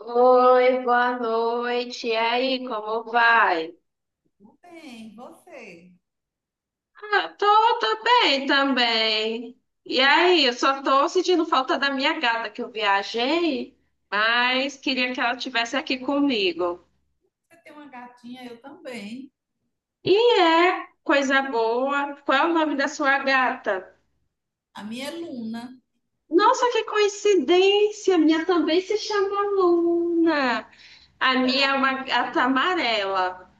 Oi, boa noite. E Oh, aí, como bom dia. vai? Tudo bem, e você? Ah, tô bem também. E aí, eu só tô sentindo falta da minha gata que eu viajei, Ah, mas queria que ela estivesse aqui comigo. você tem uma gatinha, eu também. E é coisa boa. Qual é o nome da sua gata? A minha é Luna. Nossa, que coincidência! A minha também se chama Luna. A minha é uma gata amarela.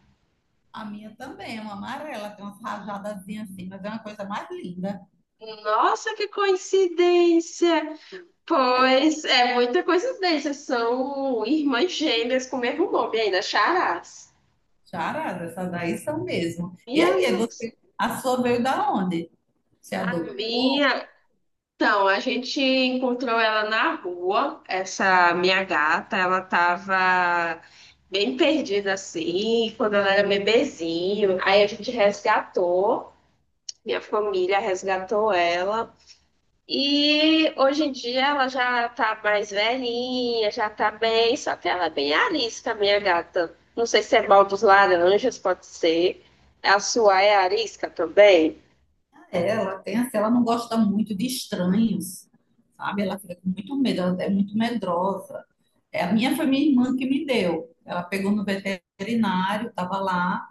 A minha também é uma amarela, tem umas rajadazinhas assim, mas é uma coisa mais linda. Nossa, que coincidência! Pois é muita coincidência. São irmãs gêmeas com o mesmo nome ainda, Charás. Charada, essas daí são mesmo. E Minha aí, é nossa. você, a sua veio da onde? Você A adotou? minha. Então, a gente encontrou ela na rua, essa minha gata. Ela tava bem perdida assim, quando ela era bebezinho. Aí a gente resgatou, minha família resgatou ela. E hoje em dia ela já tá mais velhinha, já tá bem, só que ela é bem arisca, minha gata. Não sei se é mal dos laranjas, pode ser. A sua é arisca também? Ah, é, ela tem assim, ela não gosta muito de estranhos, sabe? Ela fica com muito medo, ela é muito medrosa. É, a minha foi minha irmã que me deu. Ela pegou no veterinário, estava lá.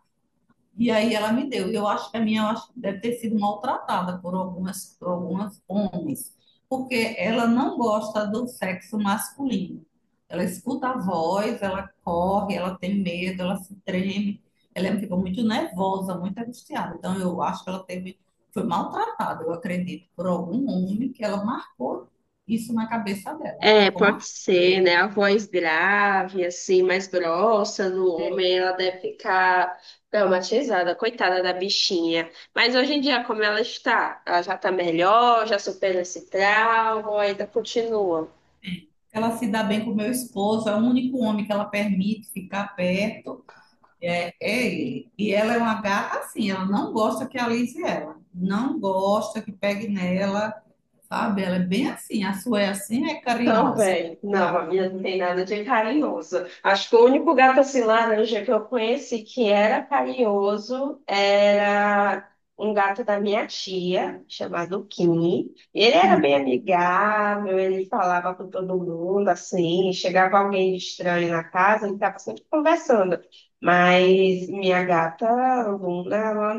E aí ela me deu. E eu acho que a minha eu acho que deve ter sido maltratada por algumas homens, porque ela não gosta do sexo masculino. Ela escuta a voz, ela corre, ela tem medo, ela se treme, ela fica muito nervosa, muito angustiada. Então eu acho que ela teve, foi maltratada, eu acredito, por algum homem que ela marcou isso na cabeça dela. É, Ficou pode marcada. ser, né? A voz grave, assim, mais grossa no homem, ela deve ficar traumatizada, coitada da bichinha. Mas hoje em dia, como ela está? Ela já tá melhor, já superou esse trauma, ainda continua. Ela se dá bem com o meu esposo, é o único homem que ela permite ficar perto. É, é ele. E ela é uma gata assim, ela não gosta que alise ela. Não gosta que pegue nela, sabe? Ela é bem assim, a sua é assim, é carinhosa. Também. Não, a minha não tem nada de carinhoso. Acho que o único gato assim laranja que eu conheci que era carinhoso era um gato da minha tia, chamado Kim. Ele era bem amigável, ele falava com todo mundo assim, chegava alguém de estranho na casa, ele estava sempre conversando. Mas minha gata Luna, ela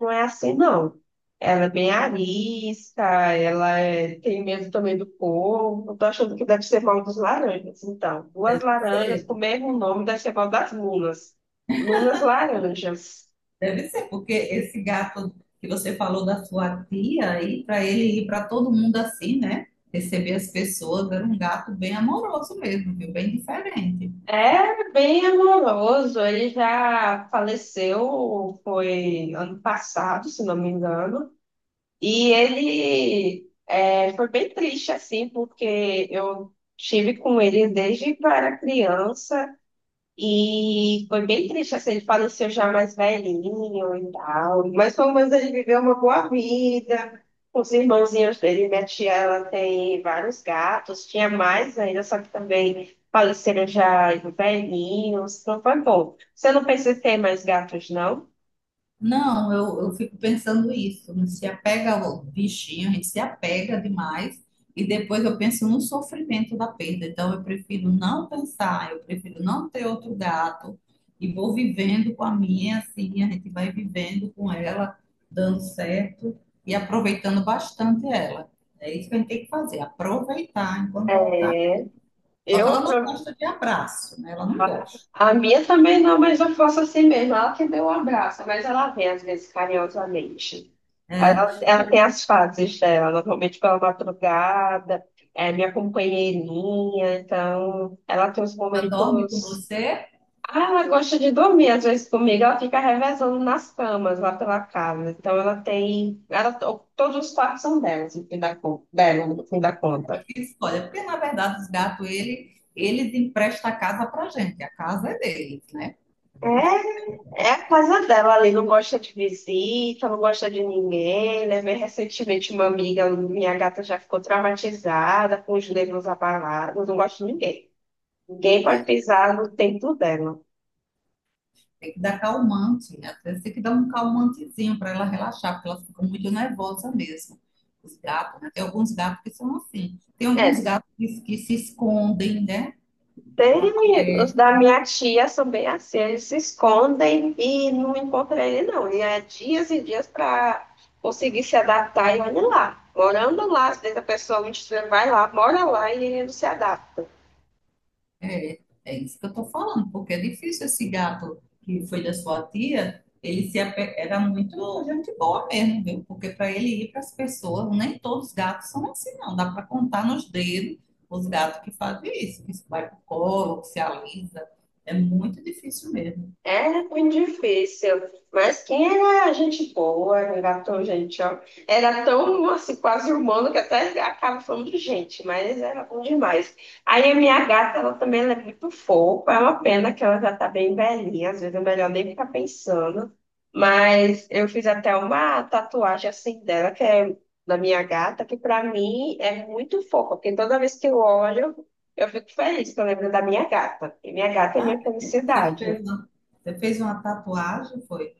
não é assim, não. Ela é bem arisca, tem medo também do povo. Eu tô achando que deve ser mal dos laranjas. Então, duas Deve laranjas ser, com o mesmo nome deve ser mal das lunas. Lunas laranjas. deve ser, porque esse gato que você falou da sua tia aí, para ele ir para todo mundo assim, né? Receber as pessoas, era um gato bem amoroso mesmo, viu? Bem diferente. É bem amoroso. Ele já faleceu, foi ano passado, se não me engano. E foi bem triste, assim, porque eu estive com ele desde que eu era criança. E foi bem triste, assim, ele faleceu já mais velhinho e tal. Mas pelo menos ele viveu uma boa vida. Os irmãozinhos dele, minha tia, ela tem vários gatos, tinha mais ainda, só que também faleceram já velhinhos. Então foi bom. Você não pensa em ter mais gatos, não? Não, eu fico pensando isso. Não se apega ao bichinho, a gente se apega demais e depois eu penso no sofrimento da perda. Então eu prefiro não pensar, eu prefiro não ter outro gato e vou vivendo com a minha, assim, a gente vai vivendo com ela, dando certo e aproveitando bastante ela. É isso que a gente tem que fazer, aproveitar enquanto ela está. É. Só que Eu. ela não gosta de abraço, né? Ela não A, gosta. a minha também não, mas eu faço assim mesmo. Ela que deu um abraço, mas ela vem às vezes carinhosamente. É, Ela tem as fases dela, normalmente pela madrugada, é minha companheirinha, então ela tem os ela dorme com momentos. você. Ah, ela gosta de dormir, às vezes comigo ela fica revezando nas camas lá pela casa. Então ela tem. Ela, todos os quartos são delas, no dela, no fim da Eu conta. fiz, olha, porque na verdade os gatos, eles emprestam a casa pra gente, a casa é deles, né? A gente É. que É a casa dela ali, não gosta de visita, não gosta de ninguém, né? Bem recentemente, uma amiga, minha gata já ficou traumatizada, com os nervos abalados, não gosta de ninguém. Ninguém pode pisar no tempo dela. tem que dar calmante, né? Às vezes tem que dar um calmantezinho para ela relaxar, porque elas ficam muito nervosas mesmo. Os gatos, né? Tem alguns gatos que são assim. Tem alguns É, gatos que se escondem, né? Na tem, parede. os da minha tia são bem assim, eles se escondem e não encontram ele, não. E é dias e dias para conseguir se adaptar e olha lá. Morando lá, às vezes a pessoa um dia vai lá, mora lá e ele não se adapta. É, é isso que eu tô falando, porque é difícil esse gato que foi da sua tia, ele se ape- era muito gente boa mesmo, viu? Porque para ele ir para as pessoas, nem todos os gatos são assim, não. Dá para contar nos dedos os gatos que fazem isso, que vai pro colo, que se alisa. É muito difícil mesmo. É muito difícil, mas quem era gente boa, não era tão gente, ó, era tão assim, quase humano que até acaba falando de gente, mas era bom demais. Aí a minha gata, ela é muito fofa, é uma pena que ela já tá bem velhinha, às vezes é melhor nem ficar pensando, mas eu fiz até uma tatuagem assim dela, que é da minha gata, que pra mim é muito fofa, porque toda vez que eu olho, eu fico feliz, que eu lembro da minha gata, e minha gata é Ah, minha é? Felicidade. Você fez uma tatuagem, foi?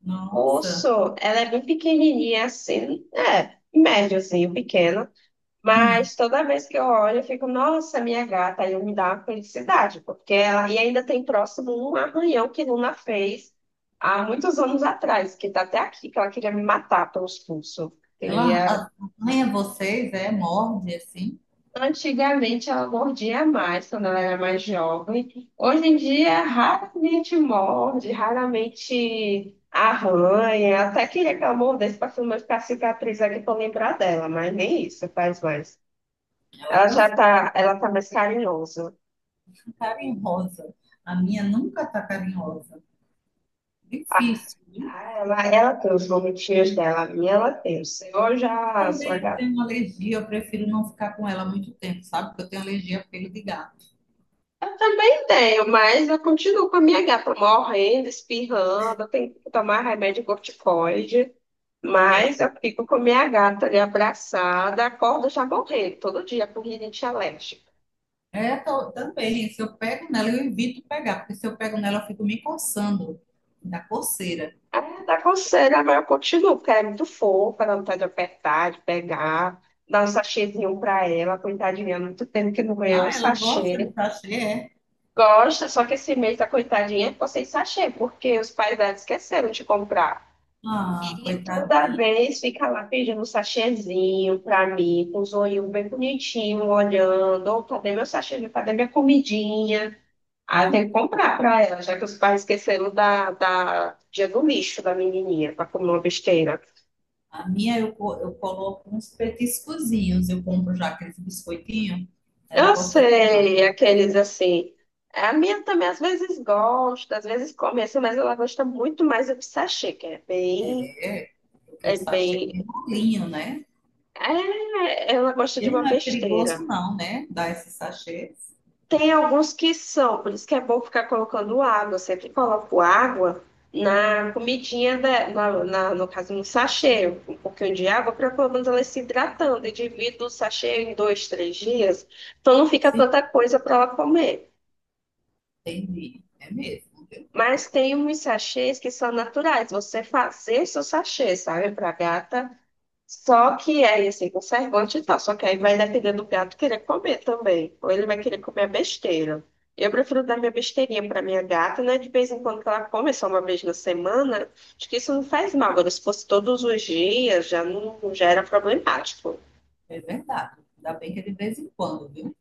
Nossa. Urso, ela é bem pequenininha assim, é, médiozinho, pequena, Hum. mas toda vez que eu olho, eu fico, nossa, minha gata, aí me dá uma felicidade, porque ela, e ainda tem próximo um arranhão que Luna fez há muitos anos atrás, que tá até aqui, que ela queria me matar pelos pulsos. Ela arranha vocês, é, morde assim. Antigamente ela mordia mais quando ela era mais jovem. Hoje em dia raramente morde, raramente arranha. Até que ela mordesse para filmar ficar cicatriz aqui para lembrar dela, mas nem isso faz mais. Ela Ela já cansa. tá, ela tá mais carinhosa. Carinhosa. A minha nunca está carinhosa. Ah, Difícil, viu? ela tem os momentinhos dela, a minha ela tem. O seu já, a sua Também eu gata. tenho uma alergia, eu prefiro não ficar com ela muito tempo, sabe? Porque eu tenho alergia a pelo de gato. Eu também tenho, mas eu continuo com a minha gata morrendo, espirrando, eu tenho que tomar remédio corticoide. Mas eu fico com minha gata ali abraçada, acordo já morrendo, todo dia com rinite alérgica. É, também, se eu pego nela, eu evito pegar, porque se eu pego nela, eu fico me coçando da coceira. Aí dá coceira, mas eu continuo, porque ela é muito fofa, ela não tá de apertar, de pegar, dá um sachêzinho pra ela, coitadinha, há muito tempo que não ganhou um Ah, ela gosta de sachê. sachê, é? Gosta, só que esse mês a coitadinha ficou sem sachê, porque os pais dela esqueceram de comprar. Ah, E toda coitadinha. vez fica lá pedindo um sachêzinho pra mim, com os olhinhos bem bonitinhos, olhando, ou cadê meu sachê, cadê minha comidinha? Ah, tem que comprar pra ela, já que os pais esqueceram da dia do lixo da menininha, pra comer uma besteira. A minha eu, co- eu coloco uns petiscozinhos, eu compro já aqueles biscoitinhos, ela Eu gosta demais. sei, aqueles assim. É, a minha também às vezes gosta, às vezes come assim, mas ela gosta muito mais do sachê, que é bem, É, porque o é sachê bem. tem molinho, né? É, ela gosta de Ele uma não é besteira. perigoso, não, né? Dar esses sachês. Tem alguns que são, por isso que é bom ficar colocando água. Eu sempre coloco água na no caso, no sachê, um pouquinho de água, para pelo menos ela ir se hidratando. E divido o sachê em dois, três dias, então não fica Sim. tanta coisa para ela comer. Entendi. É mesmo, viu? Mas tem uns sachês que são naturais, você fazer seu sachê, sabe, para gata. Só que aí, assim, conservante e tal. Só que aí vai depender do gato querer comer também. Ou ele vai querer comer a besteira. Eu prefiro dar minha besteirinha pra minha gata, né? De vez em quando que ela come só uma vez na semana. Acho que isso não faz mal. Agora, se fosse todos os dias, já não já era problemático. É verdade. Ainda bem que é de vez em quando, viu?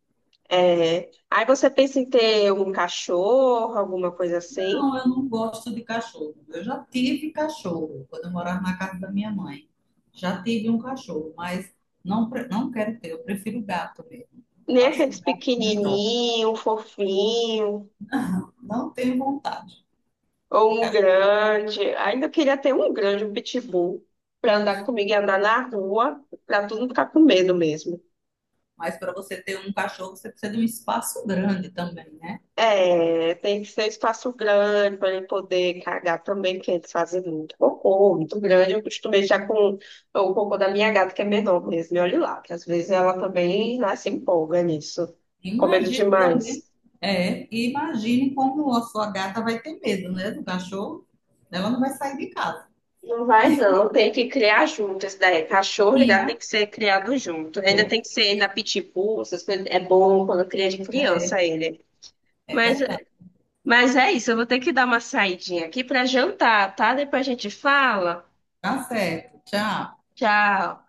É, aí você pensa em ter um cachorro, alguma coisa assim. Não, eu não gosto de cachorro. Eu já tive cachorro quando eu morava na casa da minha mãe. Já tive um cachorro, mas não, não quero ter. Eu prefiro gato mesmo. Eu Nem acho o aqueles gato melhor. pequenininho, fofinho, Não tenho vontade de ou um cachorro. grande. Ainda queria ter um grande, um pitbull, para andar comigo e andar na rua, para todo mundo ficar com medo mesmo. Mas para você ter um cachorro, você precisa de um espaço grande também, né? É, tem que ser um espaço grande para ele poder cagar também, porque eles fazem muito cocô, muito grande. Eu costumo já com o cocô da minha gata, que é menor mesmo, e olha lá, que às vezes ela também né, se empolga nisso, com medo Imagine também, demais. é, e imagine como a sua gata vai ter medo, né, do cachorro. Ela não vai sair de casa. Não vai, não. Tem que criar junto. Esse daí, cachorro e Sim, gato tem né? que ser criado junto. Ainda tem que ser na pitbull, essas coisas. É bom quando cria de É, criança ele. é Mas, verdade. mas é isso, eu vou ter que dar uma saidinha aqui para jantar, tá? Depois a gente fala. Tá certo. Tchau. Tchau.